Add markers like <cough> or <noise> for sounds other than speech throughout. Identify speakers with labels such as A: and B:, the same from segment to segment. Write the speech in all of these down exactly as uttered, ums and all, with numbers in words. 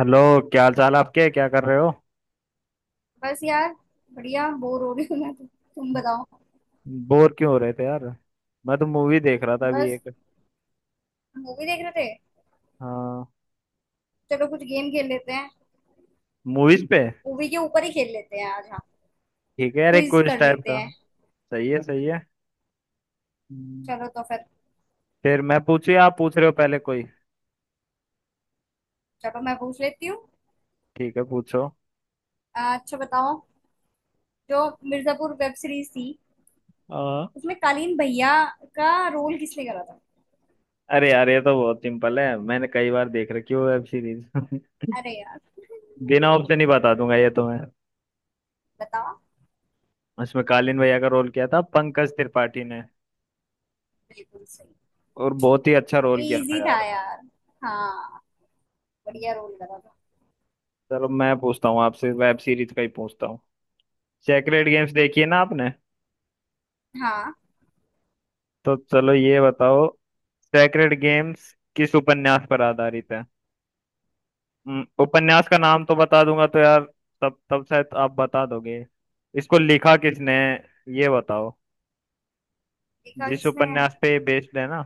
A: Hello. क्या हाल चाल आपके, क्या कर रहे हो?
B: बस यार। बढ़िया बोर हो रही हूँ मैं तो। तुम बताओ।
A: बोर क्यों हो रहे थे यार? मैं तो मूवी देख रहा था अभी
B: बस।
A: एक।
B: मूवी देख रहे थे।
A: हाँ।
B: चलो, कुछ गेम खेल लेते हैं।
A: मूवीज पे।
B: मूवी के ऊपर ही खेल लेते हैं आज। हाँ।
A: ठीक है यार, एक
B: क्विज
A: क्विज
B: कर
A: टाइप
B: लेते
A: का।
B: हैं।
A: सही है, सही है। हम्म।
B: चलो तो फिर।
A: फिर मैं पूछू या आप पूछ रहे हो पहले कोई?
B: चलो, मैं पूछ लेती हूँ।
A: ठीक है, पूछो।
B: आ, अच्छा बताओ। जो मिर्जापुर वेब सीरीज थी,
A: आ,
B: उसमें कालीन भैया का रोल किसने करा था?
A: अरे यार, ये तो बहुत सिंपल है। मैंने कई बार देख रखी है वेब सीरीज। <laughs>
B: अरे यार,
A: बिना ऑप्शन ही बता दूंगा ये तो मैं।
B: बताओ।
A: इसमें कालीन भैया का रोल किया था पंकज त्रिपाठी ने।
B: बिल्कुल सही।
A: और बहुत ही अच्छा
B: ये
A: रोल किया
B: इजी
A: था
B: था
A: यार।
B: यार। हाँ। बढ़िया रोल करा था।
A: चलो मैं पूछता हूँ आपसे, वेब सीरीज का ही पूछता हूँ। सेक्रेड गेम्स देखी है ना आपने?
B: हाँ।
A: तो चलो ये बताओ। सेक्रेड गेम्स किस उपन्यास पर आधारित है? हम्म, उपन्यास का नाम तो बता दूंगा तो यार, तब तब शायद आप बता दोगे। इसको लिखा किसने है, ये बताओ।
B: देखा
A: जिस
B: किसने है?
A: उपन्यास पे ये बेस्ड है ना।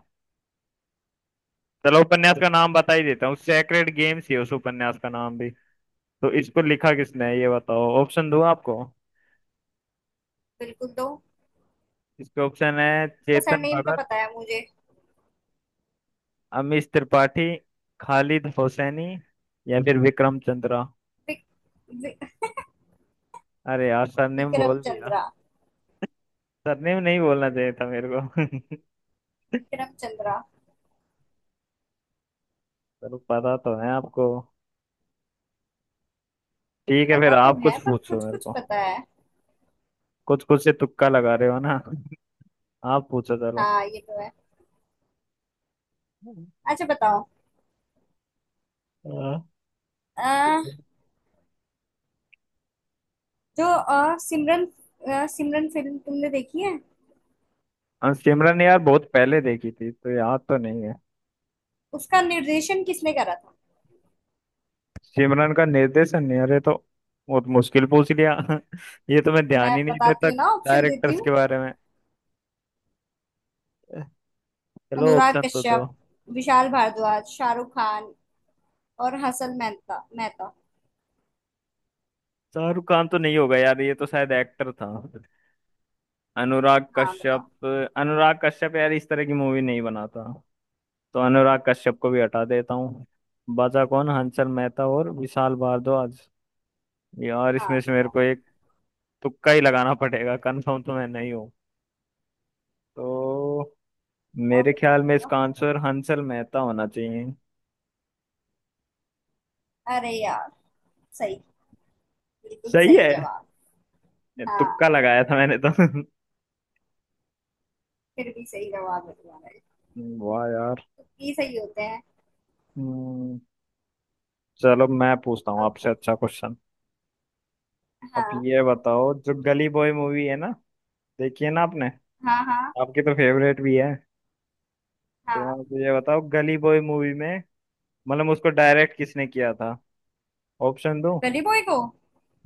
A: चलो उपन्यास का नाम बता ही देता हूँ, सेक्रेड गेम्स ही है उस उपन्यास का नाम भी। तो इसको लिखा किसने है ये बताओ। ऑप्शन दूं आपको?
B: बिल्कुल, दो।
A: इसके ऑप्शन है
B: उसका
A: चेतन
B: सरनेम तो पता
A: भगत,
B: है मुझे।
A: अमीश त्रिपाठी, खालिद हुसैनी या फिर विक्रम चंद्रा।
B: विक-
A: अरे यार, सरनेम
B: विक्रम
A: बोल दिया।
B: चंद्रा।
A: सरनेम नहीं बोलना चाहिए था मेरे को। <laughs>
B: विक्रम चंद्रा।
A: चलो, पता तो है आपको। ठीक है, फिर
B: पता तो
A: आप
B: है,
A: कुछ
B: पर
A: पूछो
B: कुछ
A: मेरे
B: कुछ
A: को।
B: पता है।
A: कुछ कुछ से तुक्का लगा रहे हो ना। <laughs> आप पूछो चलो।
B: हाँ, ये तो है। अच्छा बताओ।
A: हाँ।
B: अ, जो अ, सिमरन अ, सिमरन फिल्म तुमने देखी है?
A: हाँ, सिमरन यार बहुत पहले देखी थी तो याद तो नहीं है।
B: उसका निर्देशन किसने करा था?
A: सिमरन का निर्देशन यार, ये तो बहुत मुश्किल पूछ लिया। <laughs> ये तो मैं ध्यान
B: मैं
A: ही नहीं
B: बताती
A: देता
B: हूँ ना, ऑप्शन देती
A: डायरेक्टर्स के
B: हूँ।
A: बारे में। चलो
B: अनुराग
A: ऑप्शन तो दो।
B: कश्यप, विशाल भारद्वाज, शाहरुख खान और हसन मेहता मेहता
A: शाहरुख खान तो नहीं होगा यार, ये तो शायद एक्टर था। अनुराग
B: हाँ, बताओ।
A: कश्यप। अनुराग कश्यप यार इस तरह की मूवी नहीं बनाता, तो अनुराग कश्यप को भी हटा देता हूँ। बचा कौन, हंसल मेहता और विशाल भारद्वाज। यार
B: हाँ,
A: इसमें से मेरे
B: बताओ
A: को एक तुक्का ही लगाना पड़ेगा, कंफर्म तो मैं नहीं हूँ। तो
B: बताओ
A: मेरे
B: बताओ।
A: ख्याल में
B: बताओ।
A: इसका आंसर हंसल मेहता होना चाहिए।
B: अरे यार। सही। बिल्कुल
A: सही
B: सही
A: है।
B: जवाब।
A: तुक्का
B: हाँ।
A: लगाया था मैंने तो।
B: फिर भी सही जवाब है तुम्हारा।
A: <laughs> वाह यार।
B: ये सही होते हैं।
A: हम्म। चलो मैं पूछता हूँ आपसे अच्छा क्वेश्चन। अब
B: हाँ,
A: ये बताओ जो गली बॉय मूवी है ना, देखिए ना आपने।
B: हाँ। हाँ,
A: आपकी तो फेवरेट भी है। तो
B: हाँ।
A: आप मुझे बताओ गली बॉय मूवी में मतलब उसको डायरेक्ट किसने किया था। ऑप्शन दो?
B: गली बॉय को।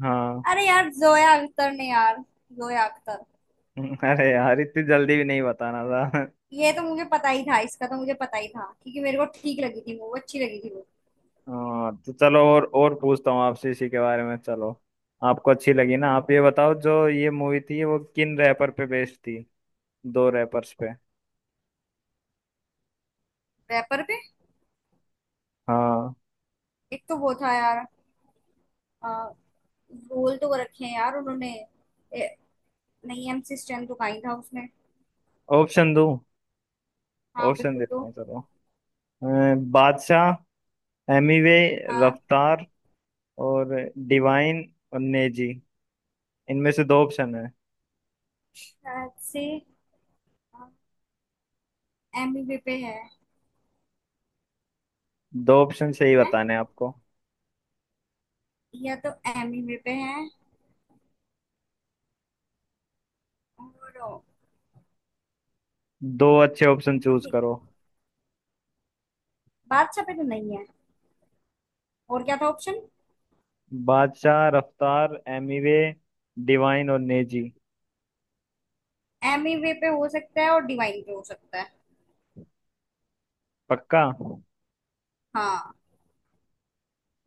A: हाँ।
B: अरे यार, जोया अख्तर ने यार। जोया अख्तर।
A: <laughs> अरे यार, इतनी जल्दी भी नहीं बताना था।
B: ये तो मुझे पता ही था, इसका तो मुझे पता ही था क्योंकि मेरे को ठीक लगी थी वो, अच्छी लगी थी वो।
A: हाँ तो चलो, और और पूछता हूँ आपसे इसी के बारे में, चलो। आपको अच्छी लगी ना, आप ये बताओ जो ये मूवी थी वो किन रैपर पे बेस्ड थी? दो रैपर्स पे।
B: रैपर पे।
A: हाँ।
B: एक तो वो था यार। रोल तो वो रखे हैं यार उन्होंने। ए, नहीं, एमसी स्टैन तो कहीं था उसमें।
A: ऑप्शन दो।
B: हाँ,
A: ऑप्शन
B: बिल्कुल
A: देता
B: तो।
A: हूँ चलो। अ, बादशाह, एमिवे,
B: हाँ,
A: रफ्तार और डिवाइन और नेजी, इनमें से दो ऑप्शन है।
B: शायद से। एमी वे पे है।
A: दो ऑप्शन सही
B: हैं।
A: बताने हैं आपको।
B: या तो एमी वे पे है और
A: दो अच्छे ऑप्शन
B: और
A: चूज
B: नहीं।
A: करो।
B: बादशाह पे तो नहीं है। और क्या था ऑप्शन?
A: बादशाह, रफ्तार, एमीवे, डिवाइन और नेजी।
B: एमी वे पे हो सकता है और डिवाइन पे हो सकता है।
A: पक्का?
B: हाँ।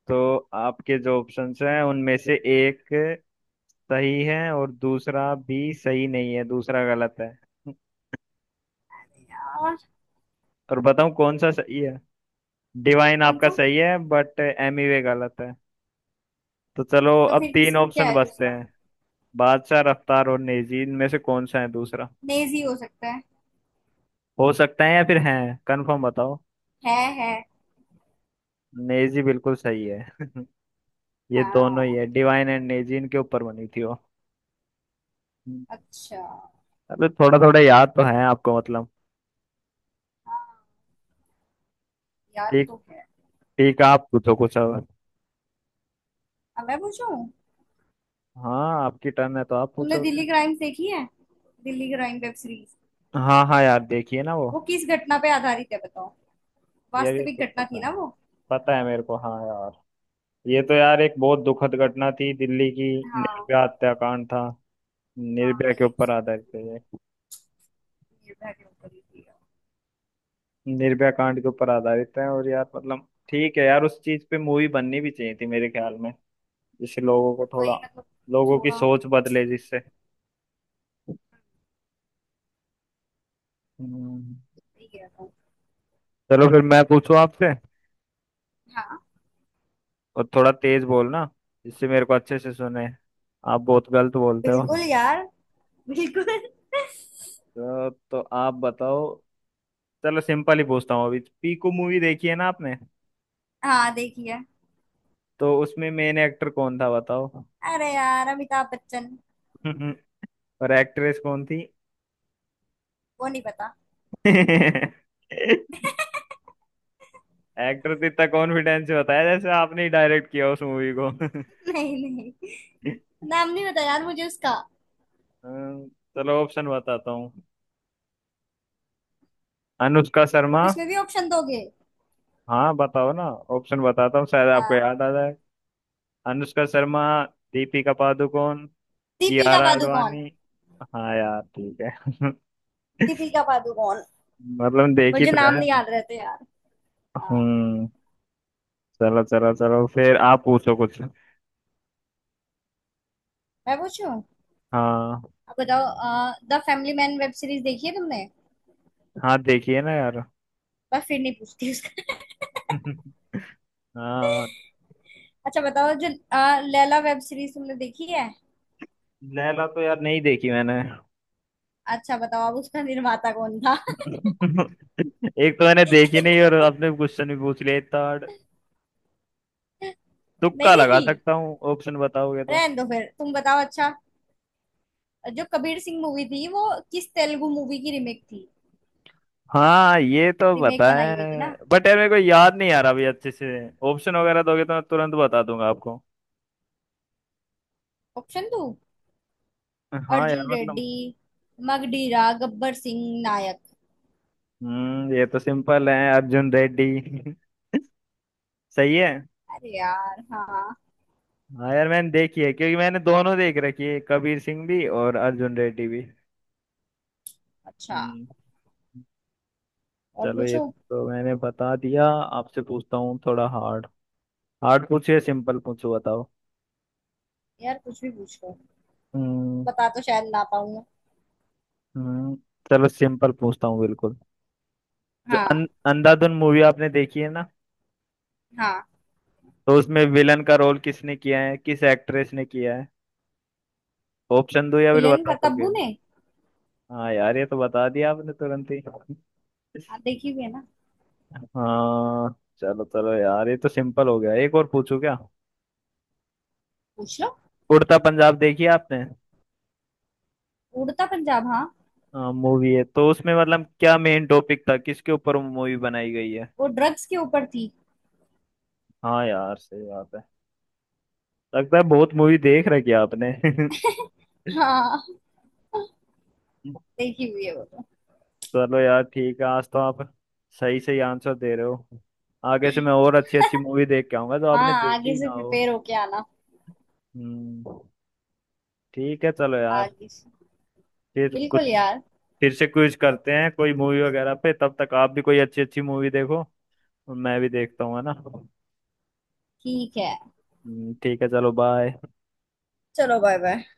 A: तो आपके जो ऑप्शंस हैं उनमें से एक सही है और दूसरा भी सही नहीं है, दूसरा गलत है।
B: और।
A: और बताऊं कौन सा सही है? डिवाइन
B: कौन
A: आपका
B: सा?
A: सही है बट एमीवे गलत है। तो चलो
B: तो
A: अब
B: फिर किस,
A: तीन
B: क्या
A: ऑप्शन
B: है
A: बचते
B: दूसरा?
A: हैं। बादशाह, रफ्तार और नेजी, इनमें से कौन सा है दूसरा?
B: लेजी हो सकता है।
A: हो सकता है या फिर है? कंफर्म बताओ।
B: है है
A: नेजी बिल्कुल सही है। <laughs> ये दोनों ही
B: हाँ।
A: है, डिवाइन एंड नेजी इनके ऊपर बनी थी वो।
B: अच्छा।
A: अबे थोड़ा थोड़ा याद तो है आपको मतलब।
B: हाँ, याद
A: ठीक।
B: तो है।
A: ठीक, आप पूछो कुछ अब।
B: अब मैं पूछूं?
A: हाँ आपकी टर्न है तो आप
B: तुमने
A: पूछोगे।
B: दिल्ली क्राइम देखी है? Delhi crime web series.
A: हाँ हाँ यार, देखिए ना वो।
B: वो किस घटना पे आधारित है, बताओ।
A: यार ये
B: वास्तविक
A: तो
B: घटना
A: पता
B: थी ना
A: है।
B: वो।
A: पता है मेरे को, हाँ यार। ये तो यार एक बहुत दुखद घटना थी दिल्ली की।
B: हाँ।
A: निर्भया हत्याकांड था।
B: हाँ,
A: निर्भया के
B: ये
A: ऊपर
B: उसी की
A: आधारित
B: थी।
A: है ये।
B: निर्भया के ऊपर ही थी, हाँ।
A: निर्भया कांड के ऊपर आधारित है। और यार मतलब ठीक है यार, उस चीज पे मूवी बननी भी चाहिए थी मेरे ख्याल में, जिससे
B: हाँ,
A: लोगों को
B: मतलब
A: थोड़ा,
B: वही मतलब।
A: लोगों की
B: थोड़ा।
A: सोच बदले जिससे। हम्म,
B: सही गया था।
A: चलो फिर मैं पूछूं आपसे।
B: हाँ।
A: और थोड़ा तेज बोलना, जिससे मेरे को अच्छे से सुने। आप बहुत गलत बोलते हो।
B: बिल्कुल यार। बिल्कुल।
A: तो, तो आप बताओ। चलो सिंपल ही पूछता हूँ। अभी पीकू मूवी देखी है ना आपने?
B: हाँ, देखिए।
A: तो उसमें मेन एक्टर कौन था बताओ। <laughs>
B: अरे यार, अमिताभ बच्चन।
A: और एक्ट्रेस कौन थी?
B: वो नहीं पता।
A: <laughs>
B: <laughs>
A: एक्टर तो इतना कॉन्फिडेंस से बताया जैसे आपने ही डायरेक्ट किया उस मूवी को। <laughs>
B: नहीं, नहीं। नाम नहीं पता यार मुझे उसका।
A: अ, चलो ऑप्शन बताता हूँ। अनुष्का शर्मा।
B: अब इसमें भी ऑप्शन दोगे?
A: हाँ बताओ ना। ऑप्शन बताता हूँ शायद आपको
B: हाँ।
A: याद आ जाए। अनुष्का शर्मा, दीपिका पादुकोण,
B: दीपिका
A: कियारा
B: पादुकोण।
A: आडवाणी। हाँ यार ठीक है। <laughs>
B: दीपिका पादुकोण।
A: मतलब देखी
B: मुझे
A: तो
B: नाम
A: है।
B: नहीं याद रहते यार। हाँ।
A: हम्म। चलो चलो चलो, फिर आप पूछो कुछ।
B: मैं पूछूं?
A: हाँ।
B: अब बताओ, the family man web series देखी है तुमने?
A: हाँ देखिए ना यार।
B: पर फिर नहीं पूछती उसका। <laughs>
A: <laughs> हाँ।
B: अच्छा बताओ, जो अ, लैला वेब सीरीज तुमने देखी है?
A: लैला तो यार नहीं देखी मैंने।
B: अच्छा बताओ अब, उसका निर्माता कौन था?
A: <laughs> एक तो मैंने देखी नहीं और
B: <laughs>
A: आपने क्वेश्चन भी पूछ लिया इतना hard। तुक्का
B: नहीं
A: लगा
B: देखी।
A: सकता हूँ, ऑप्शन बताओगे तो।
B: रहने दो, फिर तुम बताओ। अच्छा, जो कबीर सिंह मूवी थी, वो किस तेलुगु मूवी की रीमेक थी?
A: हाँ ये तो
B: रीमेक
A: पता
B: बनाई
A: है।
B: हुई थी ना?
A: बट यार मेरे को याद नहीं आ रहा अभी अच्छे से। ऑप्शन वगैरह दोगे तो मैं तुरंत बता दूंगा आपको।
B: ऑप्शन दो।
A: हाँ यार
B: अर्जुन
A: मतलब।
B: रेड्डी, मगडीरा, गब्बर सिंह, नायक।
A: हम्म ये तो सिंपल है, अर्जुन रेड्डी। <laughs> सही है।
B: अरे यार, हाँ।
A: हाँ यार मैंने देखी है, क्योंकि मैंने दोनों देख रखी है, कबीर सिंह भी और अर्जुन रेड्डी भी।
B: अच्छा।
A: हम्म।
B: और
A: चलो ये
B: पूछो।
A: तो मैंने बता दिया, आपसे पूछता हूँ थोड़ा हार्ड। हार्ड पूछो या सिंपल पूछो बताओ।
B: यार कुछ भी पूछ लो।
A: हम्म।
B: बता तो शायद ना पाऊं।
A: हम्म। चलो सिंपल पूछता हूँ बिल्कुल। जो अं,
B: हाँ।
A: अंधाधुन मूवी आपने देखी है ना?
B: हाँ।
A: तो उसमें विलन का रोल किसने किया है, किस एक्ट्रेस ने किया है? ऑप्शन दो या फिर
B: विलन
A: बता
B: का,
A: दोगे।
B: तब्बू ने।
A: हाँ यार, ये तो बता दिया आपने तुरंत ही।
B: हाँ, देखी हुई है ना।
A: हाँ। चलो चलो यार, ये तो सिंपल हो गया। एक और पूछू क्या?
B: पूछ लो।
A: उड़ता पंजाब देखी है आपने?
B: उड़ता पंजाब, हाँ।
A: हाँ मूवी है, तो उसमें मतलब क्या मेन टॉपिक था, किसके ऊपर मूवी बनाई गई है?
B: वो ड्रग्स के ऊपर थी।
A: हाँ यार सही बात है। लगता है बहुत मूवी देख रखी है आपने।
B: <laughs> हाँ।
A: <laughs>
B: देखी हुई है वो तो।
A: चलो यार ठीक है, आज तो आप सही सही आंसर दे रहे हो। आगे से मैं और अच्छी अच्छी
B: <laughs>
A: मूवी देख के आऊंगा, जो
B: हाँ,
A: आपने देखी
B: आगे
A: ही ना
B: से
A: हो।
B: प्रिपेयर होके आना।
A: हम्म। ठीक है चलो यार।
B: आगे से।
A: फिर
B: बिल्कुल
A: कुछ,
B: यार।
A: फिर से क्विज करते हैं कोई मूवी वगैरह पे, तब तक आप भी कोई अच्छी अच्छी मूवी देखो और मैं भी देखता हूँ, है ना?
B: ठीक है,
A: हम्म, ठीक है चलो बाय।
B: चलो। Bye bye.